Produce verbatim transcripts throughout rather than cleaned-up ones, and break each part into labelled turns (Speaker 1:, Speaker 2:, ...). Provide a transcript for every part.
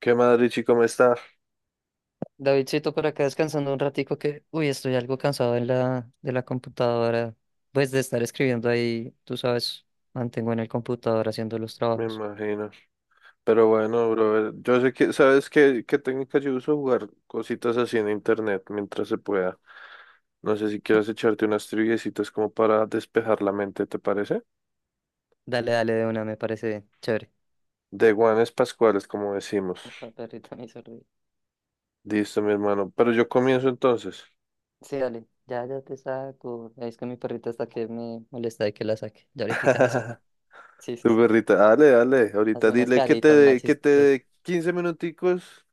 Speaker 1: ¿Qué más, Richie? ¿Cómo está?
Speaker 2: Davidcito, por acá descansando un ratico que, uy, estoy algo cansado de la, de la computadora, pues de estar escribiendo ahí, tú sabes, mantengo en el computador haciendo los
Speaker 1: Me
Speaker 2: trabajos.
Speaker 1: imagino. Pero bueno, brother, yo sé que, ¿sabes qué, qué técnica yo uso? Jugar cositas así en internet mientras se pueda. No sé si quieres echarte unas triviecitas como para despejar la mente, ¿te parece?
Speaker 2: Dale, dale de una, me parece chévere.
Speaker 1: De guanes pascuales, como decimos.
Speaker 2: Esta perrita me hizo reír.
Speaker 1: Listo, mi hermano. Pero yo comienzo entonces.
Speaker 2: Sí, dale, ya, ya te saco. Es que mi perrita hasta que me molesta de que la saque. Ya ahorita la saco. Sí, sí,
Speaker 1: Tu
Speaker 2: sí.
Speaker 1: perrita, dale, dale. Ahorita
Speaker 2: Hazme unas
Speaker 1: dile que te
Speaker 2: caritas más
Speaker 1: dé, que te
Speaker 2: chistosas.
Speaker 1: dé quince minuticos,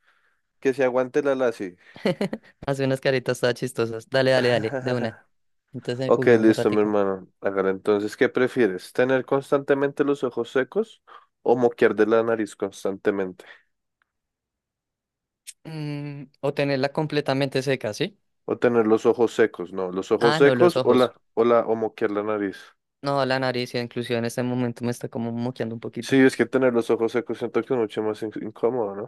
Speaker 1: que se aguante la lazi.
Speaker 2: Hazme unas caritas todas chistosas. Dale, dale, dale, de una. Entonces
Speaker 1: Ok,
Speaker 2: juguemos un
Speaker 1: listo, mi
Speaker 2: ratico.
Speaker 1: hermano. Hágale, entonces, ¿qué prefieres? ¿Tener constantemente los ojos secos o moquear de la nariz constantemente?
Speaker 2: Mm, o tenerla completamente seca, ¿sí?
Speaker 1: O tener los ojos secos, no, los ojos
Speaker 2: Ah, no, los
Speaker 1: secos o
Speaker 2: ojos.
Speaker 1: la, o la, o moquear la nariz.
Speaker 2: No, la nariz, ya inclusive en este momento me está como moqueando un
Speaker 1: Sí,
Speaker 2: poquito.
Speaker 1: es que tener los ojos secos siento que es mucho más in- incómodo, ¿no?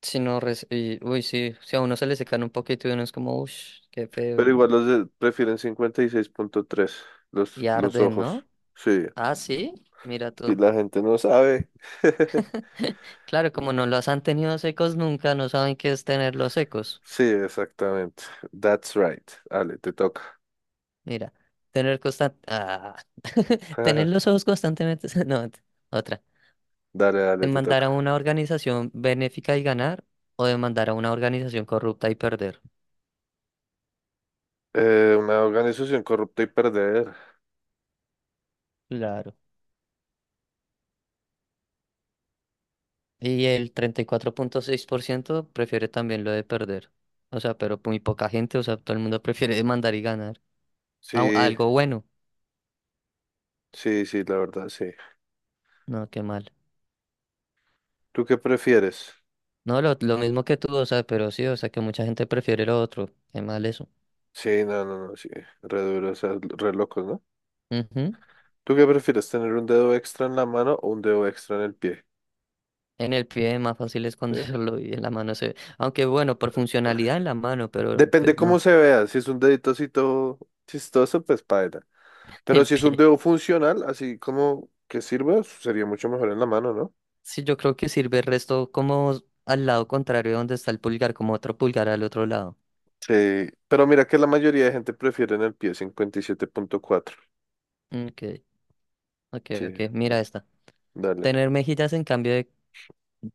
Speaker 2: Si no, res- y, uy, sí, si a uno se le secan un poquito y uno es como, uff, qué feo,
Speaker 1: Pero igual
Speaker 2: y,
Speaker 1: los de- prefieren cincuenta y seis punto tres, los,
Speaker 2: y
Speaker 1: los
Speaker 2: arden,
Speaker 1: ojos.
Speaker 2: ¿no?
Speaker 1: Sí,
Speaker 2: Ah, sí, mira
Speaker 1: si
Speaker 2: tú.
Speaker 1: la gente no sabe.
Speaker 2: Claro, como no los han tenido secos nunca, no saben qué es tenerlos secos.
Speaker 1: Sí, exactamente. That's right. Dale, te toca.
Speaker 2: Mira, tener constan- ah, tener los ojos constantemente, no, ent- otra.
Speaker 1: Dale, dale, te
Speaker 2: Demandar a
Speaker 1: toca.
Speaker 2: una organización benéfica y ganar, o demandar a una organización corrupta y perder.
Speaker 1: Eh, una organización corrupta y perder.
Speaker 2: Claro. Y el treinta y cuatro punto seis por ciento prefiere también lo de perder. O sea, pero muy poca gente, o sea, todo el mundo prefiere mandar y ganar. Au-
Speaker 1: Sí,
Speaker 2: algo bueno.
Speaker 1: sí, sí, la verdad, sí.
Speaker 2: No, qué mal.
Speaker 1: ¿Tú qué prefieres?
Speaker 2: No, lo, lo mismo que tú, o sea, pero sí, o sea, que mucha gente prefiere lo otro. Qué mal eso.
Speaker 1: Sí, no, no, no, sí. Re duro, o sea, re locos, ¿no?
Speaker 2: Ujú.
Speaker 1: ¿Tú qué prefieres, tener un dedo extra en la mano o un dedo extra en el pie?
Speaker 2: En el pie más fácil es
Speaker 1: ¿Eh?
Speaker 2: esconderlo y en la mano se ve. Aunque bueno, por funcionalidad en la mano, pero
Speaker 1: Depende
Speaker 2: pues
Speaker 1: cómo
Speaker 2: no,
Speaker 1: se vea. Si es un dedito así todo chistoso, pues paila. Pero
Speaker 2: el
Speaker 1: si es un
Speaker 2: pie.
Speaker 1: dedo funcional, así como que sirva, sería mucho mejor en la mano, ¿no?
Speaker 2: Sí, yo creo que sirve el resto como al lado contrario donde está el pulgar, como otro pulgar al otro lado.
Speaker 1: Sí. Pero mira que la mayoría de gente prefiere en el pie cincuenta y siete punto cuatro.
Speaker 2: Ok, ok,
Speaker 1: Sí,
Speaker 2: ok. Mira
Speaker 1: bueno,
Speaker 2: esta.
Speaker 1: dale.
Speaker 2: Tener mejillas en cambio de,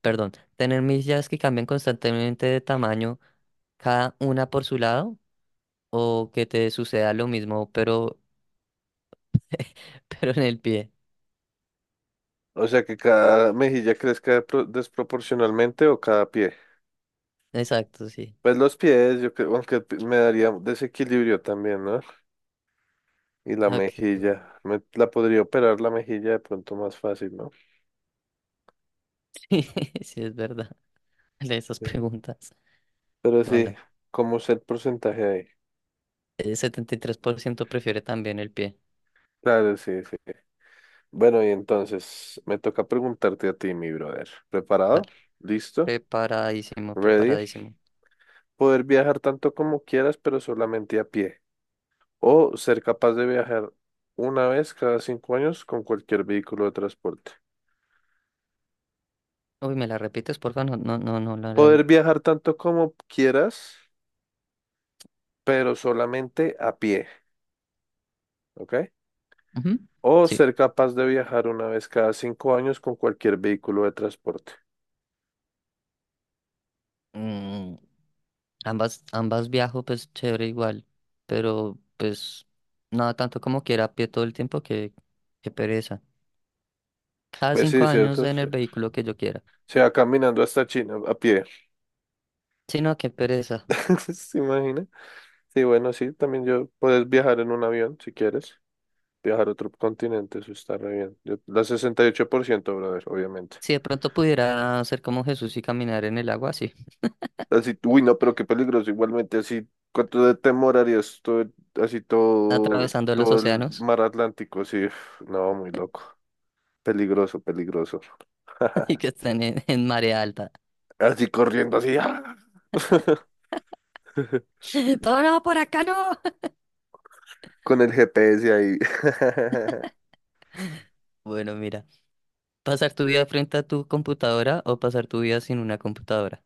Speaker 2: perdón, tener mejillas que cambian constantemente de tamaño, cada una por su lado, o que te suceda lo mismo, pero, pero en el pie.
Speaker 1: O sea, que cada mejilla crezca pro- desproporcionalmente o cada pie.
Speaker 2: Exacto, sí.
Speaker 1: Pues los pies, yo creo, aunque p- me daría desequilibrio también, ¿no? Y la
Speaker 2: Ok.
Speaker 1: mejilla, me, la podría operar la mejilla de pronto más fácil, ¿no?
Speaker 2: Sí, es verdad. De esas
Speaker 1: Sí.
Speaker 2: preguntas.
Speaker 1: Pero sí,
Speaker 2: Bueno,
Speaker 1: ¿cómo es el porcentaje ahí?
Speaker 2: el setenta y tres por ciento prefiere también el pie.
Speaker 1: Claro, sí, sí. Bueno, y entonces me toca preguntarte a ti, mi brother. ¿Preparado?
Speaker 2: Dale.
Speaker 1: ¿Listo?
Speaker 2: Preparadísimo,
Speaker 1: ¿Ready?
Speaker 2: preparadísimo.
Speaker 1: Poder viajar tanto como quieras, pero solamente a pie. O ser capaz de viajar una vez cada cinco años con cualquier vehículo de transporte.
Speaker 2: Uy, ¿me la repites, porfa? No, no, no, no la.
Speaker 1: Poder viajar tanto como quieras, pero solamente a pie, ¿ok?
Speaker 2: Ujú.
Speaker 1: O
Speaker 2: Sí.
Speaker 1: ser capaz de viajar una vez cada cinco años con cualquier vehículo de transporte.
Speaker 2: Mm. Ambas, ambas viajo, pues chévere igual, pero pues nada tanto como quiera a pie todo el tiempo que, que pereza. Cada
Speaker 1: Pues
Speaker 2: cinco
Speaker 1: sí,
Speaker 2: años
Speaker 1: ¿cierto?
Speaker 2: en
Speaker 1: Sí.
Speaker 2: el vehículo que yo quiera.
Speaker 1: Se va caminando hasta China a pie.
Speaker 2: Si no, qué pereza.
Speaker 1: ¿Se imagina? Sí, bueno, sí, también yo puedes viajar en un avión si quieres. Viajar a otro continente, eso está re bien. Yo, la sesenta y ocho por ciento, brother, obviamente.
Speaker 2: Si de pronto pudiera hacer como Jesús y caminar en el agua así,
Speaker 1: Así, uy, no, pero qué peligroso. Igualmente, así, ¿cuánto de temor harías todo, el- así todo,
Speaker 2: atravesando los
Speaker 1: todo el
Speaker 2: océanos
Speaker 1: mar Atlántico? Así, uf, no, muy loco. Peligroso, peligroso.
Speaker 2: y que estén en, en marea alta.
Speaker 1: Así corriendo, así, ¡ah!
Speaker 2: Todo no, por acá no.
Speaker 1: Con el G P S ahí.
Speaker 2: Bueno, mira, pasar tu vida frente a tu computadora o pasar tu vida sin una computadora.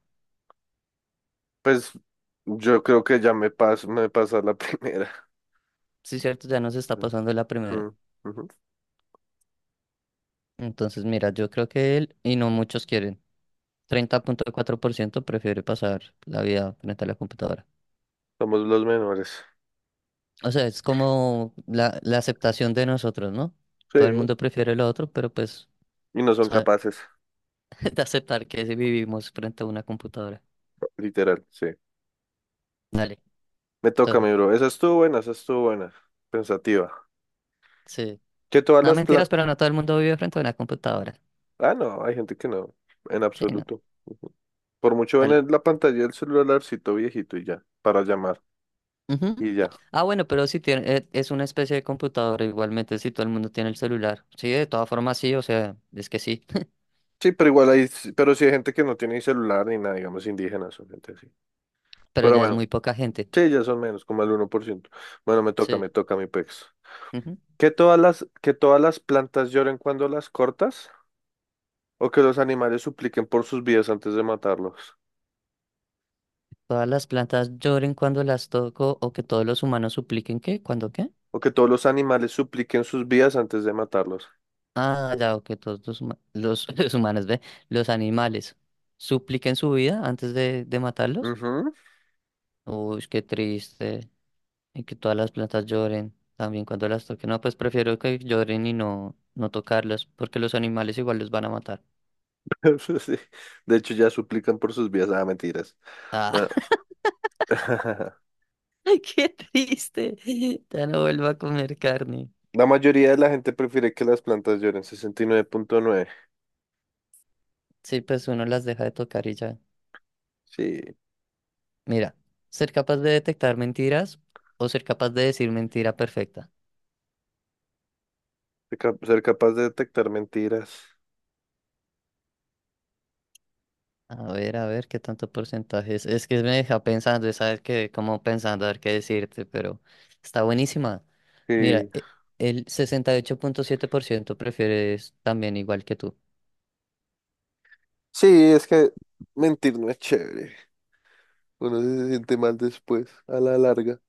Speaker 1: Pues yo creo que ya me paso, me pasa la primera.
Speaker 2: Sí, cierto, ya nos está pasando la primera.
Speaker 1: Mm, ujú.
Speaker 2: Entonces, mira, yo creo que él y no muchos quieren. Treinta punto cuatro por ciento prefiere pasar la vida frente a la computadora.
Speaker 1: Somos los menores.
Speaker 2: O sea, es como la, la aceptación de nosotros, ¿no?
Speaker 1: Sí,
Speaker 2: Todo el mundo prefiere lo otro, pero pues
Speaker 1: y no son
Speaker 2: sa-
Speaker 1: capaces,
Speaker 2: de aceptar que sí vivimos frente a una computadora.
Speaker 1: literal, sí.
Speaker 2: Dale.
Speaker 1: Me toca,
Speaker 2: Entonces,
Speaker 1: mi bro. Esa estuvo buena, esa estuvo buena. Pensativa.
Speaker 2: sí.
Speaker 1: Que todas
Speaker 2: No,
Speaker 1: las, pla-
Speaker 2: mentiras, pero no todo el mundo vive frente a una computadora.
Speaker 1: Ah, no, hay gente que no, en
Speaker 2: Sí, no.
Speaker 1: absoluto. Ujú. Por mucho ven
Speaker 2: Dale.
Speaker 1: en la pantalla del celularcito viejito y ya, para llamar
Speaker 2: Ujú.
Speaker 1: y ya.
Speaker 2: Ah, bueno, pero si tiene, e- es una especie de computadora igualmente, si todo el mundo tiene el celular. Sí, de todas formas sí, o sea, es que sí,
Speaker 1: Sí, pero igual hay, pero sí hay gente que no tiene ni celular ni nada, digamos indígenas o gente así.
Speaker 2: pero
Speaker 1: Pero
Speaker 2: ya es
Speaker 1: bueno,
Speaker 2: muy poca gente.
Speaker 1: sí, ya son menos, como el uno por ciento. Bueno, me toca,
Speaker 2: Sí.
Speaker 1: me toca mi pex.
Speaker 2: Ujú.
Speaker 1: ¿Que todas las, que todas las plantas lloren cuando las cortas? ¿O que los animales supliquen por sus vidas antes de matarlos?
Speaker 2: Todas las plantas lloren cuando las toco o que todos los humanos supliquen ¿qué? ¿Cuándo qué?
Speaker 1: ¿O que todos los animales supliquen sus vidas antes de matarlos?
Speaker 2: Ah, ya, o que todos los, huma- los, los humanos, ve, los animales supliquen su vida antes de, de matarlos.
Speaker 1: Ujú.
Speaker 2: Uy, qué triste. Y que todas las plantas lloren también cuando las toquen. No, pues prefiero que lloren y no, no tocarlas porque los animales igual los van a matar.
Speaker 1: Sí. De hecho, ya suplican por sus vidas. Ah, mentiras.
Speaker 2: Ah,
Speaker 1: Bueno,
Speaker 2: ay, qué triste. Ya no vuelvo a comer carne.
Speaker 1: la mayoría de la gente prefiere que las plantas lloren. Sesenta y nueve punto nueve.
Speaker 2: Sí, pues uno las deja de tocar y ya.
Speaker 1: Sí,
Speaker 2: Mira, ser capaz de detectar mentiras o ser capaz de decir mentira perfecta.
Speaker 1: ser cap- ser capaz de detectar mentiras.
Speaker 2: A ver, a ver, qué tanto porcentaje es. Es que me deja pensando, sabes que como pensando a ver qué decirte, pero está buenísima.
Speaker 1: Sí.
Speaker 2: Mira, e- el sesenta y ocho punto siete por ciento prefiere es también igual que tú.
Speaker 1: Sí, es que mentir no es chévere. Uno se siente mal después, a la larga.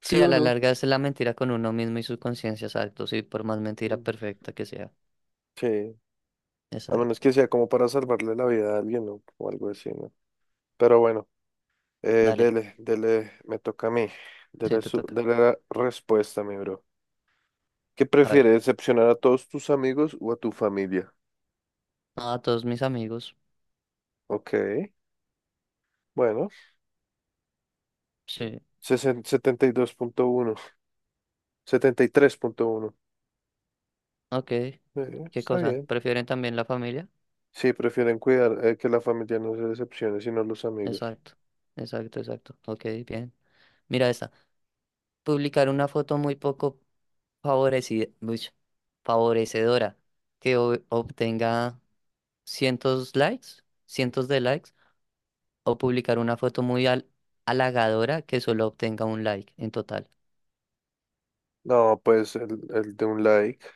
Speaker 1: ¿Sí
Speaker 2: Sí, a
Speaker 1: o
Speaker 2: la
Speaker 1: no?
Speaker 2: larga es la mentira con uno mismo y su conciencia, exacto. Sí, por más mentira
Speaker 1: Mm,
Speaker 2: perfecta que sea.
Speaker 1: sí. A menos
Speaker 2: Exacto.
Speaker 1: que sea como para salvarle la vida a alguien, ¿no? O algo así, ¿no? Pero bueno, eh,
Speaker 2: Dale,
Speaker 1: dele, dele, me toca a mí.
Speaker 2: sí,
Speaker 1: Dele,
Speaker 2: te
Speaker 1: su,
Speaker 2: toca.
Speaker 1: dele la respuesta, mi bro. ¿Qué
Speaker 2: A ver.
Speaker 1: prefieres, decepcionar a todos tus amigos o a tu familia?
Speaker 2: A todos mis amigos.
Speaker 1: Ok, bueno,
Speaker 2: Sí.
Speaker 1: sesen- setenta y dos punto uno, setenta y tres punto uno.
Speaker 2: Ok.
Speaker 1: Eh,
Speaker 2: ¿Qué
Speaker 1: está
Speaker 2: cosa?
Speaker 1: bien.
Speaker 2: ¿Prefieren también la familia?
Speaker 1: Sí, prefieren cuidar eh, que la familia no se decepcione, sino los amigos.
Speaker 2: Exacto, exacto, exacto. Ok, bien. Mira esta. Publicar una foto muy poco favorecida, favorecedora que o- obtenga cientos likes, cientos de likes, o publicar una foto muy al- halagadora que solo obtenga un like en total.
Speaker 1: No, pues el, el de un like.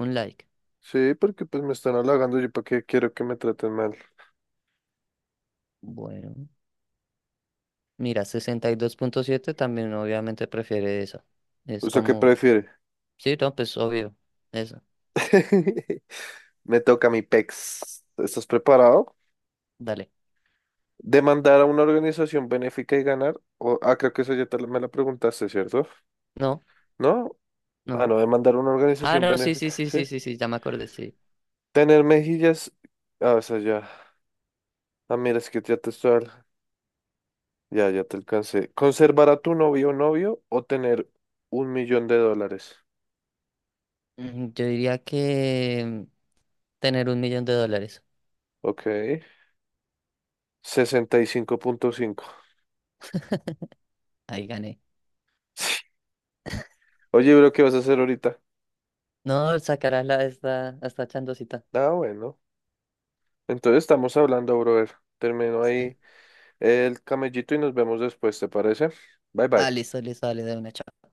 Speaker 2: Un like.
Speaker 1: Sí, porque pues me están halagando, yo para qué quiero que me traten mal.
Speaker 2: Bueno, mira, sesenta y dos punto siete también obviamente prefiere esa. Es
Speaker 1: ¿Usted qué
Speaker 2: como,
Speaker 1: prefiere?
Speaker 2: sí, no, pues obvio. Esa.
Speaker 1: Me toca mi pex. ¿Estás preparado?
Speaker 2: Dale.
Speaker 1: ¿Demandar a una organización benéfica y ganar? O, ah, creo que eso ya te, la- me la preguntaste, ¿cierto?
Speaker 2: No,
Speaker 1: ¿No? Ah,
Speaker 2: no.
Speaker 1: no, de mandar una
Speaker 2: Ah,
Speaker 1: organización
Speaker 2: no, sí, sí,
Speaker 1: benéfica,
Speaker 2: sí, sí,
Speaker 1: ¿sí?
Speaker 2: sí, sí, ya me acordé, sí.
Speaker 1: Tener mejillas. Ah, o sea, ya. Ah, mira, es que ya te estoy. al- Ya, ya te alcancé. Conservar a tu novio o novio o tener un millón de dólares.
Speaker 2: Mm, Yo diría que tener un millón de dólares.
Speaker 1: Ok. Sesenta y cinco, punto cinco.
Speaker 2: Ahí gané.
Speaker 1: Oye, bro, ¿qué vas a hacer ahorita?
Speaker 2: No, sacarás la esta, esta chandosita.
Speaker 1: Ah, bueno. Entonces estamos hablando, brother. Termino
Speaker 2: Sí.
Speaker 1: ahí el camellito y nos vemos después, ¿te parece? Bye,
Speaker 2: Ah,
Speaker 1: bye.
Speaker 2: listo, listo, dale de una. Chao.